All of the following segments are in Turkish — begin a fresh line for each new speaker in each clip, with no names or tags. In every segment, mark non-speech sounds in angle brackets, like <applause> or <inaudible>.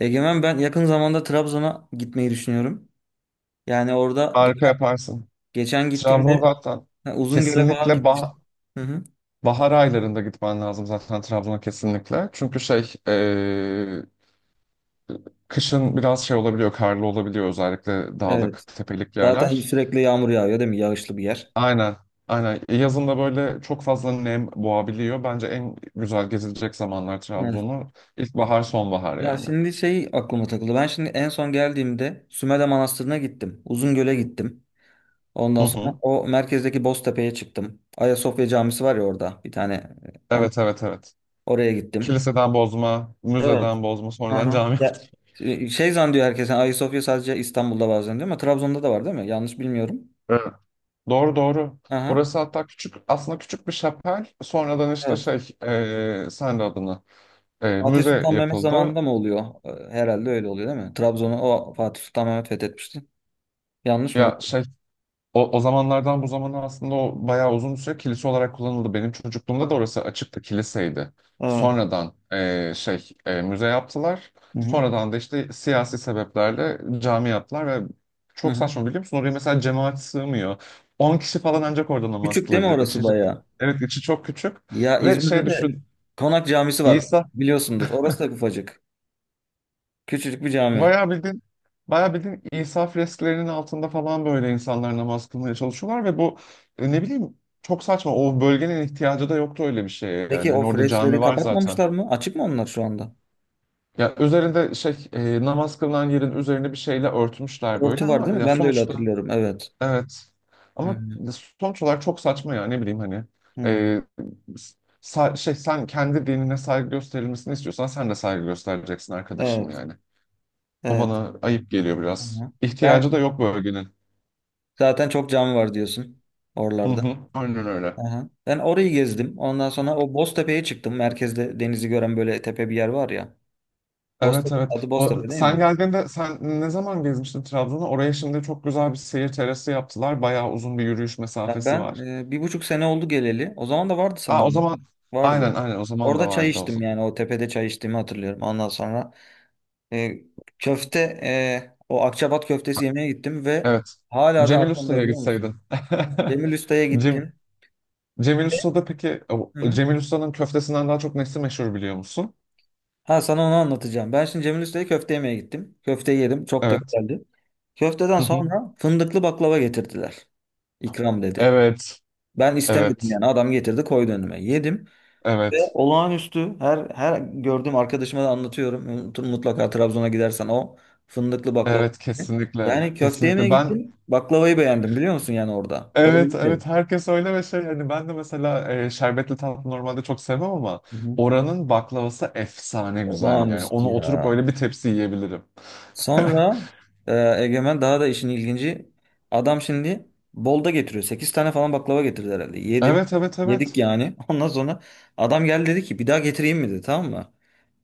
Egemen ben yakın zamanda Trabzon'a gitmeyi düşünüyorum. Yani orada
Harika yaparsın.
geçen
Trabzon
gittiğimde
zaten
ha, Uzungöl'e falan
kesinlikle
gitmiştim. Hı hı.
bahar aylarında gitmen lazım zaten Trabzon'a kesinlikle. Çünkü kışın biraz şey olabiliyor, karlı olabiliyor özellikle
Evet.
dağlık, tepelik
Zaten
yerler.
sürekli yağmur yağıyor değil mi? Yağışlı bir yer.
Aynen, aynen. Yazın da böyle çok fazla nem boğabiliyor. Bence en güzel gezilecek zamanlar
Evet.
Trabzon'u ilkbahar, sonbahar
Ya
yani.
şimdi şey aklıma takıldı. Ben şimdi en son geldiğimde Sümele Manastırı'na gittim. Uzungöl'e gittim. Ondan
Hı
sonra
hı.
o merkezdeki Boztepe'ye çıktım. Ayasofya Camisi var ya orada bir tane. Onu,
Evet, evet, evet.
oraya gittim.
Kiliseden bozma,
Evet.
müzeden bozma, sonradan
Aha.
cami yaptı.
Ya, şey zannediyor herkes. Yani Ayasofya sadece İstanbul'da bazen diyor ama Trabzon'da da var değil mi? Yanlış bilmiyorum.
Doğru doğru.
Aha.
Orası hatta küçük, aslında küçük bir şapel. Sonradan işte
Evet.
şey e, sen de adını e,
Fatih
müze
Sultan Mehmet
yapıldı.
zamanında mı oluyor? Herhalde öyle oluyor değil mi? Trabzon'u o Fatih Sultan Mehmet fethetmişti. Yanlış mı?
Ya şey o zamanlardan bu zamana aslında o bayağı uzun bir süre kilise olarak kullanıldı. Benim çocukluğumda da
Aha.
orası açıktı, kiliseydi.
Evet.
Sonradan müze yaptılar.
Hı hı.
Sonradan da işte siyasi sebeplerle cami yaptılar ve
Hı
çok
hı.
saçma, biliyor musun? Oraya mesela cemaat sığmıyor. 10 kişi falan ancak orada namaz
Küçük değil mi
kılabilir.
orası
İçeri,
bayağı?
evet içi çok küçük
Ya
ve
İzmir'de
şey
de
düşün,
Konak Camisi var.
İsa
Biliyorsundur. Orası da ufacık. Küçücük bir cami.
Bayağı bildiğin, bayağı bildiğin İsa fresklerinin altında falan böyle insanlar namaz kılmaya çalışıyorlar ve bu, ne bileyim, çok saçma. O bölgenin ihtiyacı da yoktu öyle bir şeye
Peki
yani.
o
Hani orada
freksleri
cami var zaten.
kapatmamışlar mı? Açık mı onlar şu anda?
Ya üzerinde namaz kılınan yerin üzerine bir şeyle örtmüşler böyle
Örtü var
ama
değil mi?
ya
Ben de öyle
sonuçta
hatırlıyorum. Evet.
evet.
Hı
Ama
hı.
sonuç olarak çok saçma ya, ne bileyim hani.
Hı.
E, Sen kendi dinine saygı gösterilmesini istiyorsan sen de saygı göstereceksin arkadaşım
Evet.
yani. O
Evet.
bana ayıp geliyor
Hı
biraz.
hı.
İhtiyacı
Sen
da yok bölgenin.
zaten çok cami var diyorsun
Hı
oralarda.
hı. Aynen öyle.
Hı. Ben orayı gezdim. Ondan sonra o Boztepe'ye çıktım. Merkezde denizi gören böyle tepe bir yer var ya.
Evet
Boztepe,
evet.
adı
O,
Boztepe değil
sen
mi?
geldiğinde, sen ne zaman gezmiştin Trabzon'a? Oraya şimdi çok güzel bir seyir terası yaptılar. Bayağı uzun bir yürüyüş
Ya
mesafesi
ben
var.
bir buçuk sene oldu geleli. O zaman da vardı
Aa, o
sanırım.
zaman aynen
Vardı.
aynen o zaman da
Orada çay
vardı o
içtim
zaman.
yani o tepede çay içtiğimi hatırlıyorum. Ondan sonra e, köfte o Akçabat köftesi yemeye gittim ve
Evet.
hala da
Cemil
aklımda
Usta'ya
biliyor
gitseydin.
musun? Cemil Usta'ya
<laughs> Cem,
gittim.
Cemil Usta'da peki
Hı hı.
Cemil Usta'nın köftesinden daha çok nesi meşhur biliyor musun?
Ha, sana onu anlatacağım. Ben şimdi Cemil Usta'ya köfte yemeye gittim. Köfte yedim. Çok da
Evet.
güzeldi. Köfteden
Hı hı.
sonra fındıklı baklava getirdiler. İkram dedi.
Evet.
Ben istemedim
Evet.
yani. Adam getirdi koydu önüme. Yedim. Ve
Evet.
olağanüstü, her gördüğüm arkadaşıma da anlatıyorum. Mutlaka Trabzon'a gidersen o fındıklı baklava.
Evet kesinlikle.
Yani köfte yemeye
Kesinlikle. Ben
gittim. Baklavayı beğendim biliyor musun yani orada. Öyle
Evet,
bir şey.
evet, herkes öyle ve şey hani ben de mesela şerbetli tatlı normalde çok sevmem ama
Hı hı.
oranın baklavası efsane güzel yani,
Olağanüstü
onu oturup
ya.
böyle bir tepsi yiyebilirim. <laughs>
Sonra e, Egemen daha da işin ilginci. Adam şimdi bolda getiriyor. Sekiz tane falan baklava getirdi herhalde. Yedim.
Evet, evet,
Yedik
evet,
yani. <laughs> Ondan sonra adam geldi dedi ki bir daha getireyim mi dedi tamam mı?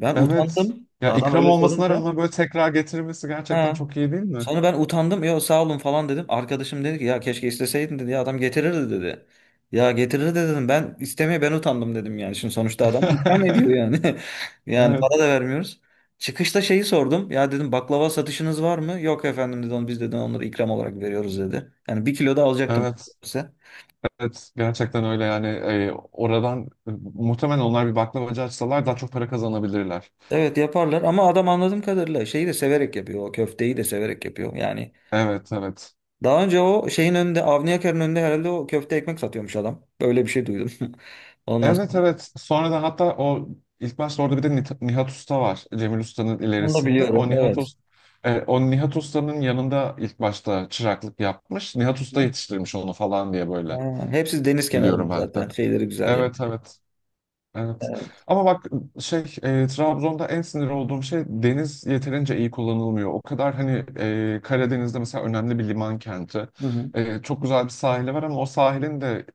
Ben
evet.
utandım.
Ya
Adam
ikram
öyle
olmasına
sorunca.
rağmen böyle tekrar getirilmesi gerçekten
Ha,
çok iyi değil mi?
sonra ben utandım. Ya sağ olun falan dedim. Arkadaşım dedi ki ya keşke isteseydin dedi. Ya adam getirirdi dedi. Ya getirirdi dedim. Ben utandım dedim yani. Şimdi sonuçta adam ikram ediyor
<laughs>
yani. <laughs> Yani
Evet,
para da vermiyoruz. Çıkışta şeyi sordum. Ya dedim baklava satışınız var mı? Yok efendim dedi. "Onu- Biz dedi onları ikram olarak veriyoruz dedi. Yani bir kilo da alacaktım
evet,
size.
evet. Gerçekten öyle yani, oradan muhtemelen onlar bir baklavacı açsalar daha çok para kazanabilirler.
Evet yaparlar ama adam anladığım kadarıyla şeyi de severek yapıyor. O köfteyi de severek yapıyor. Yani
Evet, evet.
daha önce o şeyin önünde, Avni Yakar'ın önünde herhalde o köfte ekmek satıyormuş adam. Böyle bir şey duydum. <laughs> Ondan
Evet
sonra.
evet. Sonradan hatta o ilk başta orada bir de Nihat Usta var. Cemil Usta'nın
Onu da
ilerisinde.
biliyorum.
O Nihat
Evet.
Usta, o Nihat Usta'nın yanında ilk başta çıraklık yapmış. Nihat Usta
Hı?
yetiştirmiş onu falan diye böyle
Ha, hepsi deniz kenarında
biliyorum ben de.
zaten. Şeyleri güzel
Evet
yerleri.
evet. Evet.
Evet.
Ama bak, Trabzon'da en sinir olduğum şey, deniz yeterince iyi kullanılmıyor. O kadar hani, Karadeniz'de mesela önemli bir liman kenti.
Hı hı.
Çok güzel bir sahili var ama o sahilin de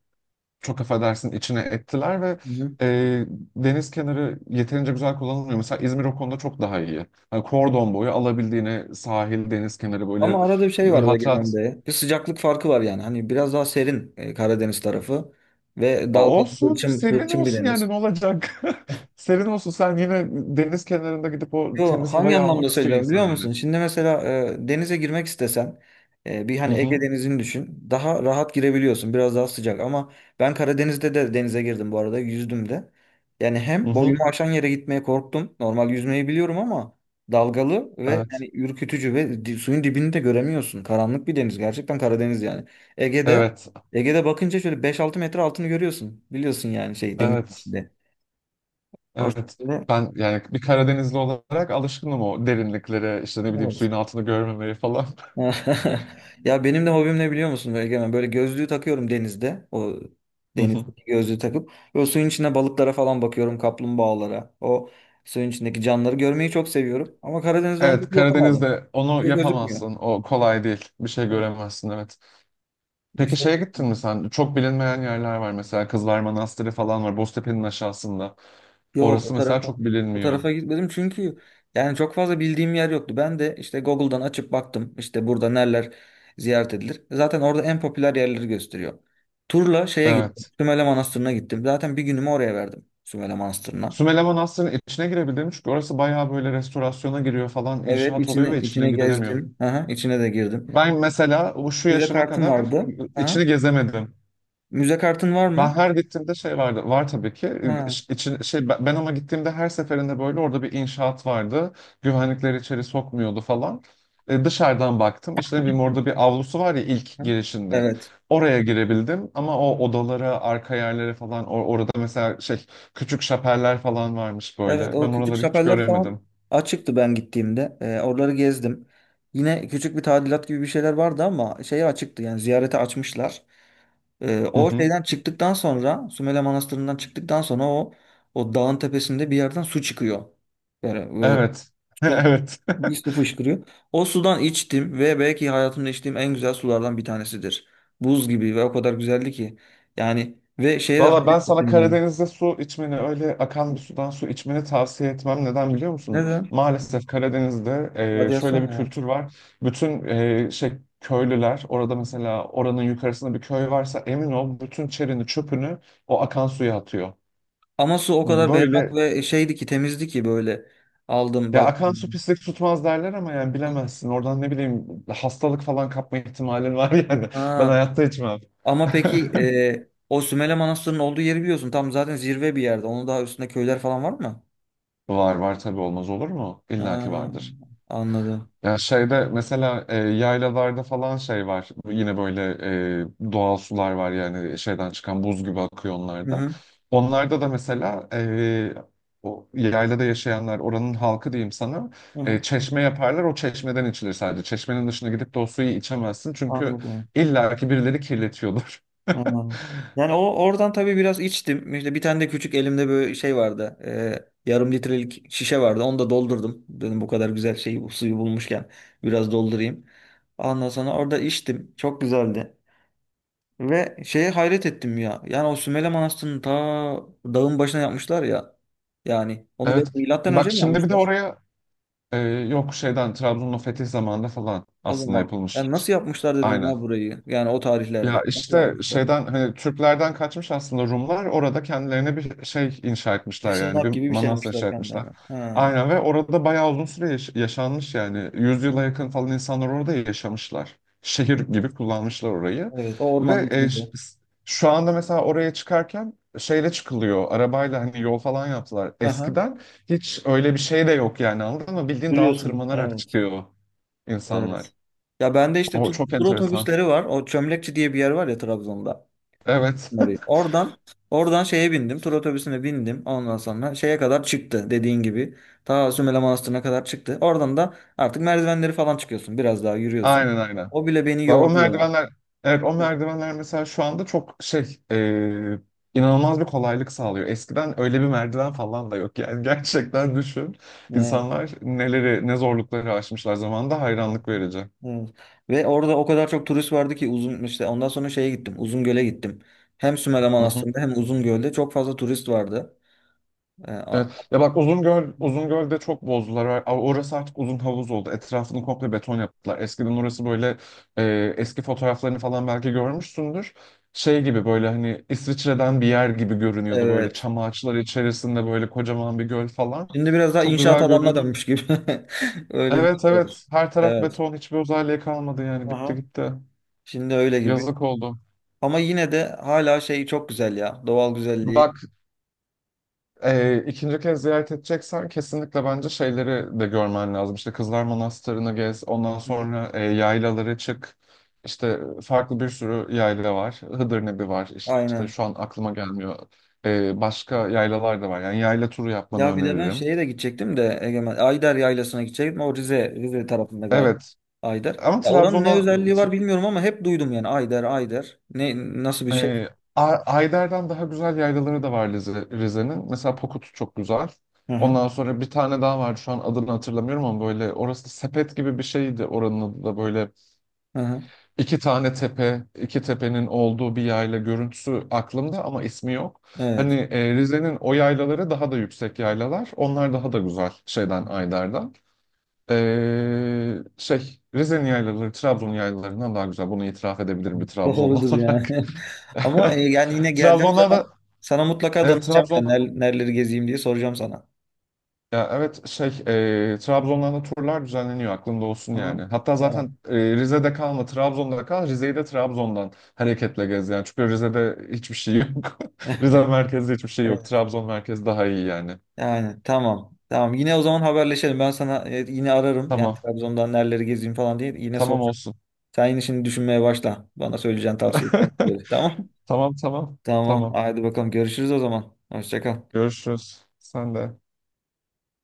çok affedersin içine ettiler ve
Hı hı.
e, deniz kenarı yeterince güzel kullanılmıyor. Mesela İzmir o konuda çok daha iyi. Hani kordon boyu alabildiğine sahil, deniz kenarı böyle
Ama arada bir şey var
rahat rahat
Egemen'de. Bir sıcaklık farkı var yani. Hani biraz daha serin Karadeniz tarafı. Ve
Aa,
dalgalı,
olsun,
hırçın,
serin
hırçın bir
olsun yani
deniz.
ne olacak? <laughs> Serin olsun, sen yine deniz kenarında gidip o
Yo,
temiz
hangi
havayı
anlamda
almak istiyor
söylüyorum
insan
biliyor
yani.
musun? Şimdi mesela denize girmek istesen bir
Hı
hani Ege
hı,
Denizi'ni düşün. Daha rahat girebiliyorsun. Biraz daha sıcak ama ben Karadeniz'de de denize girdim bu arada. Yüzdüm de. Yani
hı
hem
hı.
boyumu aşan yere gitmeye korktum. Normal yüzmeyi biliyorum ama dalgalı ve
Evet,
yani ürkütücü ve suyun dibini de göremiyorsun. Karanlık bir deniz. Gerçekten Karadeniz yani. Ege'de
evet,
Ege'de bakınca şöyle 5-6 metre altını görüyorsun. Biliyorsun yani şey denizin
evet,
içinde. O
evet.
şekilde.
Ben yani bir Karadenizli olarak alışkınım o derinliklere, işte ne bileyim
Evet.
suyun altını görmemeye falan.
<laughs> Ya benim de hobim ne biliyor musun Egemen? Böyle gözlüğü takıyorum denizde. O
<laughs>
denizdeki gözlüğü takıp. Ve o suyun içinde balıklara falan bakıyorum. Kaplumbağalara. O suyun içindeki canlıları görmeyi çok seviyorum. Ama Karadeniz'de onu
Evet,
pek yapamadım.
Karadeniz'de
Bir
onu
şey gözükmüyor.
yapamazsın. O
Evet.
kolay değil. Bir şey göremezsin evet.
Bir
Peki
şey.
şeye gittin
Gözükmüyor.
mi sen? Çok bilinmeyen yerler var mesela. Kızlar Manastırı falan var. Boztepe'nin aşağısında.
Yok
Orası mesela çok
o
bilinmiyor.
tarafa gitmedim çünkü yani çok fazla bildiğim yer yoktu. Ben de işte Google'dan açıp baktım işte burada neler ziyaret edilir. Zaten orada en popüler yerleri gösteriyor. Turla şeye gittim.
Evet.
Sümele Manastırı'na gittim. Zaten bir günümü oraya verdim. Sümele Manastırı'na.
Sümele Manastırı'nın içine girebildim çünkü orası bayağı böyle restorasyona giriyor falan,
Evet
inşaat oluyor ve içine
içine
girilemiyor.
gezdim. Aha, içine de girdim.
Ben mesela bu şu
Müze
yaşıma
kartım
kadar
vardı. Aha.
içini gezemedim.
Müze kartın var
Ben
mı?
her gittiğimde şey vardı. Var tabii ki.
Ha.
İç- için- şey ben ben ama gittiğimde her seferinde böyle orada bir inşaat vardı. Güvenlikleri içeri sokmuyordu falan. Dışarıdan baktım. İşte ne bileyim orada bir avlusu var ya ilk
Ha.
girişinde.
Evet.
Oraya girebildim ama o odalara, arka yerlere falan, orada mesela şey, küçük şapeller falan varmış
Evet
böyle.
o
Ben
küçük
oraları hiç
şapeller falan
göremedim.
açıktı ben gittiğimde. Oraları gezdim. Yine küçük bir tadilat gibi bir şeyler vardı ama şeye açıktı yani ziyarete açmışlar.
Hı
O
hı.
şeyden çıktıktan sonra Sümele Manastırı'ndan çıktıktan sonra o dağın tepesinde bir yerden su çıkıyor. Yani
Evet. <laughs>
su,
Evet.
bir su fışkırıyor. O sudan içtim ve belki hayatımda içtiğim en güzel sulardan bir tanesidir. Buz gibi ve o kadar güzeldi ki. Yani ve şeye de
Valla ben
hayret
sana
ettim ya.
Karadeniz'de su içmeni, öyle akan bir sudan su içmeni tavsiye etmem. Neden biliyor musun?
Neden?
Maalesef Karadeniz'de
Radyasyon
şöyle bir
mu?
kültür var. Bütün köylüler orada mesela oranın yukarısında bir köy varsa emin ol bütün çerini çöpünü o akan suya atıyor.
Ama su o kadar berrak
Böyle
ve şeydi ki temizdi ki böyle aldım
ya, akan su
baktım.
pislik tutmaz derler ama yani bilemezsin. Oradan ne bileyim, hastalık falan kapma ihtimalin var <laughs> yani. Ben
Ha.
hayatta içmem.
Ama peki
<laughs>
o Sümele Manastırı'nın olduğu yeri biliyorsun. Tam zaten zirve bir yerde. Onun daha üstünde köyler falan var mı?
Var var tabii, olmaz olur mu? İlla ki
Ha,
vardır.
anladım.
Ya şeyde mesela yaylalarda falan şey var. Yine böyle doğal sular var yani şeyden çıkan, buz gibi akıyor
Hı
onlarda.
hı.
Onlarda da mesela o yaylada yaşayanlar, oranın halkı diyeyim sana,
Hı hı.
çeşme yaparlar, o çeşmeden içilir sadece. Çeşmenin dışına gidip de o suyu içemezsin çünkü
Anladım.
illaki birileri kirletiyordur. <laughs>
Anladım. Yani o oradan tabii biraz içtim. İşte bir tane de küçük elimde böyle şey vardı. Yarım litrelik şişe vardı. Onu da doldurdum. Dedim bu kadar güzel şeyi bu suyu bulmuşken biraz doldurayım. Ondan sonra orada içtim. Çok güzeldi. Ve şeye hayret ettim ya. Yani o Sümele Manastırı'nı ta dağın başına yapmışlar ya. Yani onu
Evet.
belki milattan
Bak
önce mi
şimdi bir de
yapmışlar?
oraya e, yok, şeyden Trabzon'un o fethi zamanında falan
O
aslında
zaman.
yapılmış.
Yani nasıl yapmışlar dedim
Aynen.
ya burayı. Yani o tarihlerde.
Ya
Nasıl
işte
yapmışlar?
şeyden hani Türklerden kaçmış aslında Rumlar, orada kendilerine bir şey inşa
Bir
etmişler yani
sığınak
bir
gibi bir şey
manastır
yapmışlar
inşa etmişler.
kendilerine. Ha,
Aynen ve orada bayağı uzun süre yaşanmış yani 100 yakın falan insanlar orada yaşamışlar. Şehir gibi kullanmışlar orayı.
evet. O
Ve
ormanın içinde.
şu anda mesela oraya çıkarken şeyle çıkılıyor arabayla, hani yol falan yaptılar.
Aha,
Eskiden hiç öyle bir şey de yok yani, anladın mı? Bildiğin dağa
yürüyorsun.
tırmanarak
Evet.
çıkıyor
Evet.
insanlar.
Ya bende işte
O çok
tur
enteresan.
otobüsleri var. O Çömlekçi diye bir yer var ya Trabzon'da.
Evet
Orayı. Oradan şeye bindim. Tur otobüsüne bindim. Ondan sonra şeye kadar çıktı dediğin gibi. Ta Sümele Manastırı'na kadar çıktı. Oradan da artık merdivenleri falan çıkıyorsun. Biraz daha
<laughs>
yürüyorsun.
aynen.
O bile beni
Bak o
yordu ya.
merdivenler, evet o merdivenler mesela şu anda çok şey, inanılmaz bir kolaylık sağlıyor. Eskiden öyle bir merdiven falan da yok. Yani <laughs>
<laughs>
gerçekten düşün.
Evet.
İnsanlar neleri, ne zorlukları aşmışlar zamanında, hayranlık verici.
Evet. Ve orada o kadar çok turist vardı ki uzun işte ondan sonra şeye gittim. Uzungöl'e gittim. Hem Sümele
Hı hı.
Manastırı'nda hem Uzungöl'de çok fazla turist vardı. Ee, a-
Evet. Ya bak Uzungöl, Uzungöl'de çok bozdular. Orası artık uzun havuz oldu. Etrafını komple beton yaptılar. Eskiden orası böyle, eski fotoğraflarını falan belki görmüşsündür. Şey gibi, böyle hani İsviçre'den bir yer gibi görünüyordu. Böyle
evet.
çam ağaçları içerisinde böyle kocaman bir göl falan.
Şimdi biraz daha
Çok
inşaat
güzel
alanına
görünüyordu.
dönmüş gibi. <laughs> Öyle bir
Evet
şey var.
evet, her taraf
Evet.
beton, hiçbir özelliği kalmadı yani, bitti
Aha.
gitti.
Şimdi öyle gibi.
Yazık oldu.
Ama yine de hala şey çok güzel ya. Doğal güzelliği.
Bak ikinci kez ziyaret edeceksen kesinlikle bence şeyleri de görmen lazım. İşte Kızlar Manastırı'nı gez, ondan
Hı hı.
sonra yaylalara çık. İşte farklı bir sürü yayla var. Hıdırnebi var. İşte
Aynen.
şu an aklıma gelmiyor. Başka yaylalar da var. Yani yayla turu yapmanı
Ya bir de ben
öneririm.
şeye de gidecektim de Egemen. Ayder Yaylası'na gidecektim. O Rize tarafında galiba
Evet.
Ayder.
Ama
Ya oranın ne
Trabzon'a
özelliği var bilmiyorum ama hep duydum yani Ayder, Ayder. Nasıl bir şey?
Ee, Ayder'den daha güzel yaylaları da var Rize'nin. Mesela Pokut çok güzel.
Hı hı.
Ondan sonra bir tane daha vardı, şu an adını hatırlamıyorum ama böyle, orası da sepet gibi bir şeydi, oranın adı da böyle
Hı hı.
iki tane tepe, iki tepenin olduğu bir yayla görüntüsü aklımda ama ismi yok.
Evet.
Hani Rize'nin o yaylaları daha da yüksek yaylalar. Onlar daha da güzel şeyden, Ayder'den. Rize'nin yaylaları Trabzon yaylalarından daha güzel. Bunu itiraf edebilirim bir Trabzonlu
Doğrudur
olarak.
yani.
<laughs>
<laughs> Ama yani yine geldiğim
Trabzon'dan
zaman sana mutlaka
Evet
danışacağım yani
Trabzon
nereleri gezeyim diye soracağım sana.
ya evet şey, Trabzon'dan da turlar düzenleniyor, aklında olsun
Hı
yani.
hı.
Hatta
Tamam.
zaten Rize'de kalma, Trabzon'da kal, Rize'yi de Trabzon'dan hareketle gez yani. Çünkü Rize'de hiçbir şey yok. <laughs> Rize
<laughs>
merkezde hiçbir şey yok.
Evet.
Trabzon merkezi daha iyi yani.
Yani tamam. Tamam. Yine o zaman haberleşelim. Ben sana yine ararım. Yani
Tamam.
Trabzon'dan nereleri gezeyim falan diye yine
Tamam
soracağım.
olsun.
Sen yine şimdi düşünmeye başla. Bana söyleyeceğin tavsiye
<laughs>
edeceğin Tamam.
Tamam.
<laughs> Tamam.
Tamam.
Hadi bakalım. Görüşürüz o zaman. Hoşça kal.
Görüşürüz. Sen de.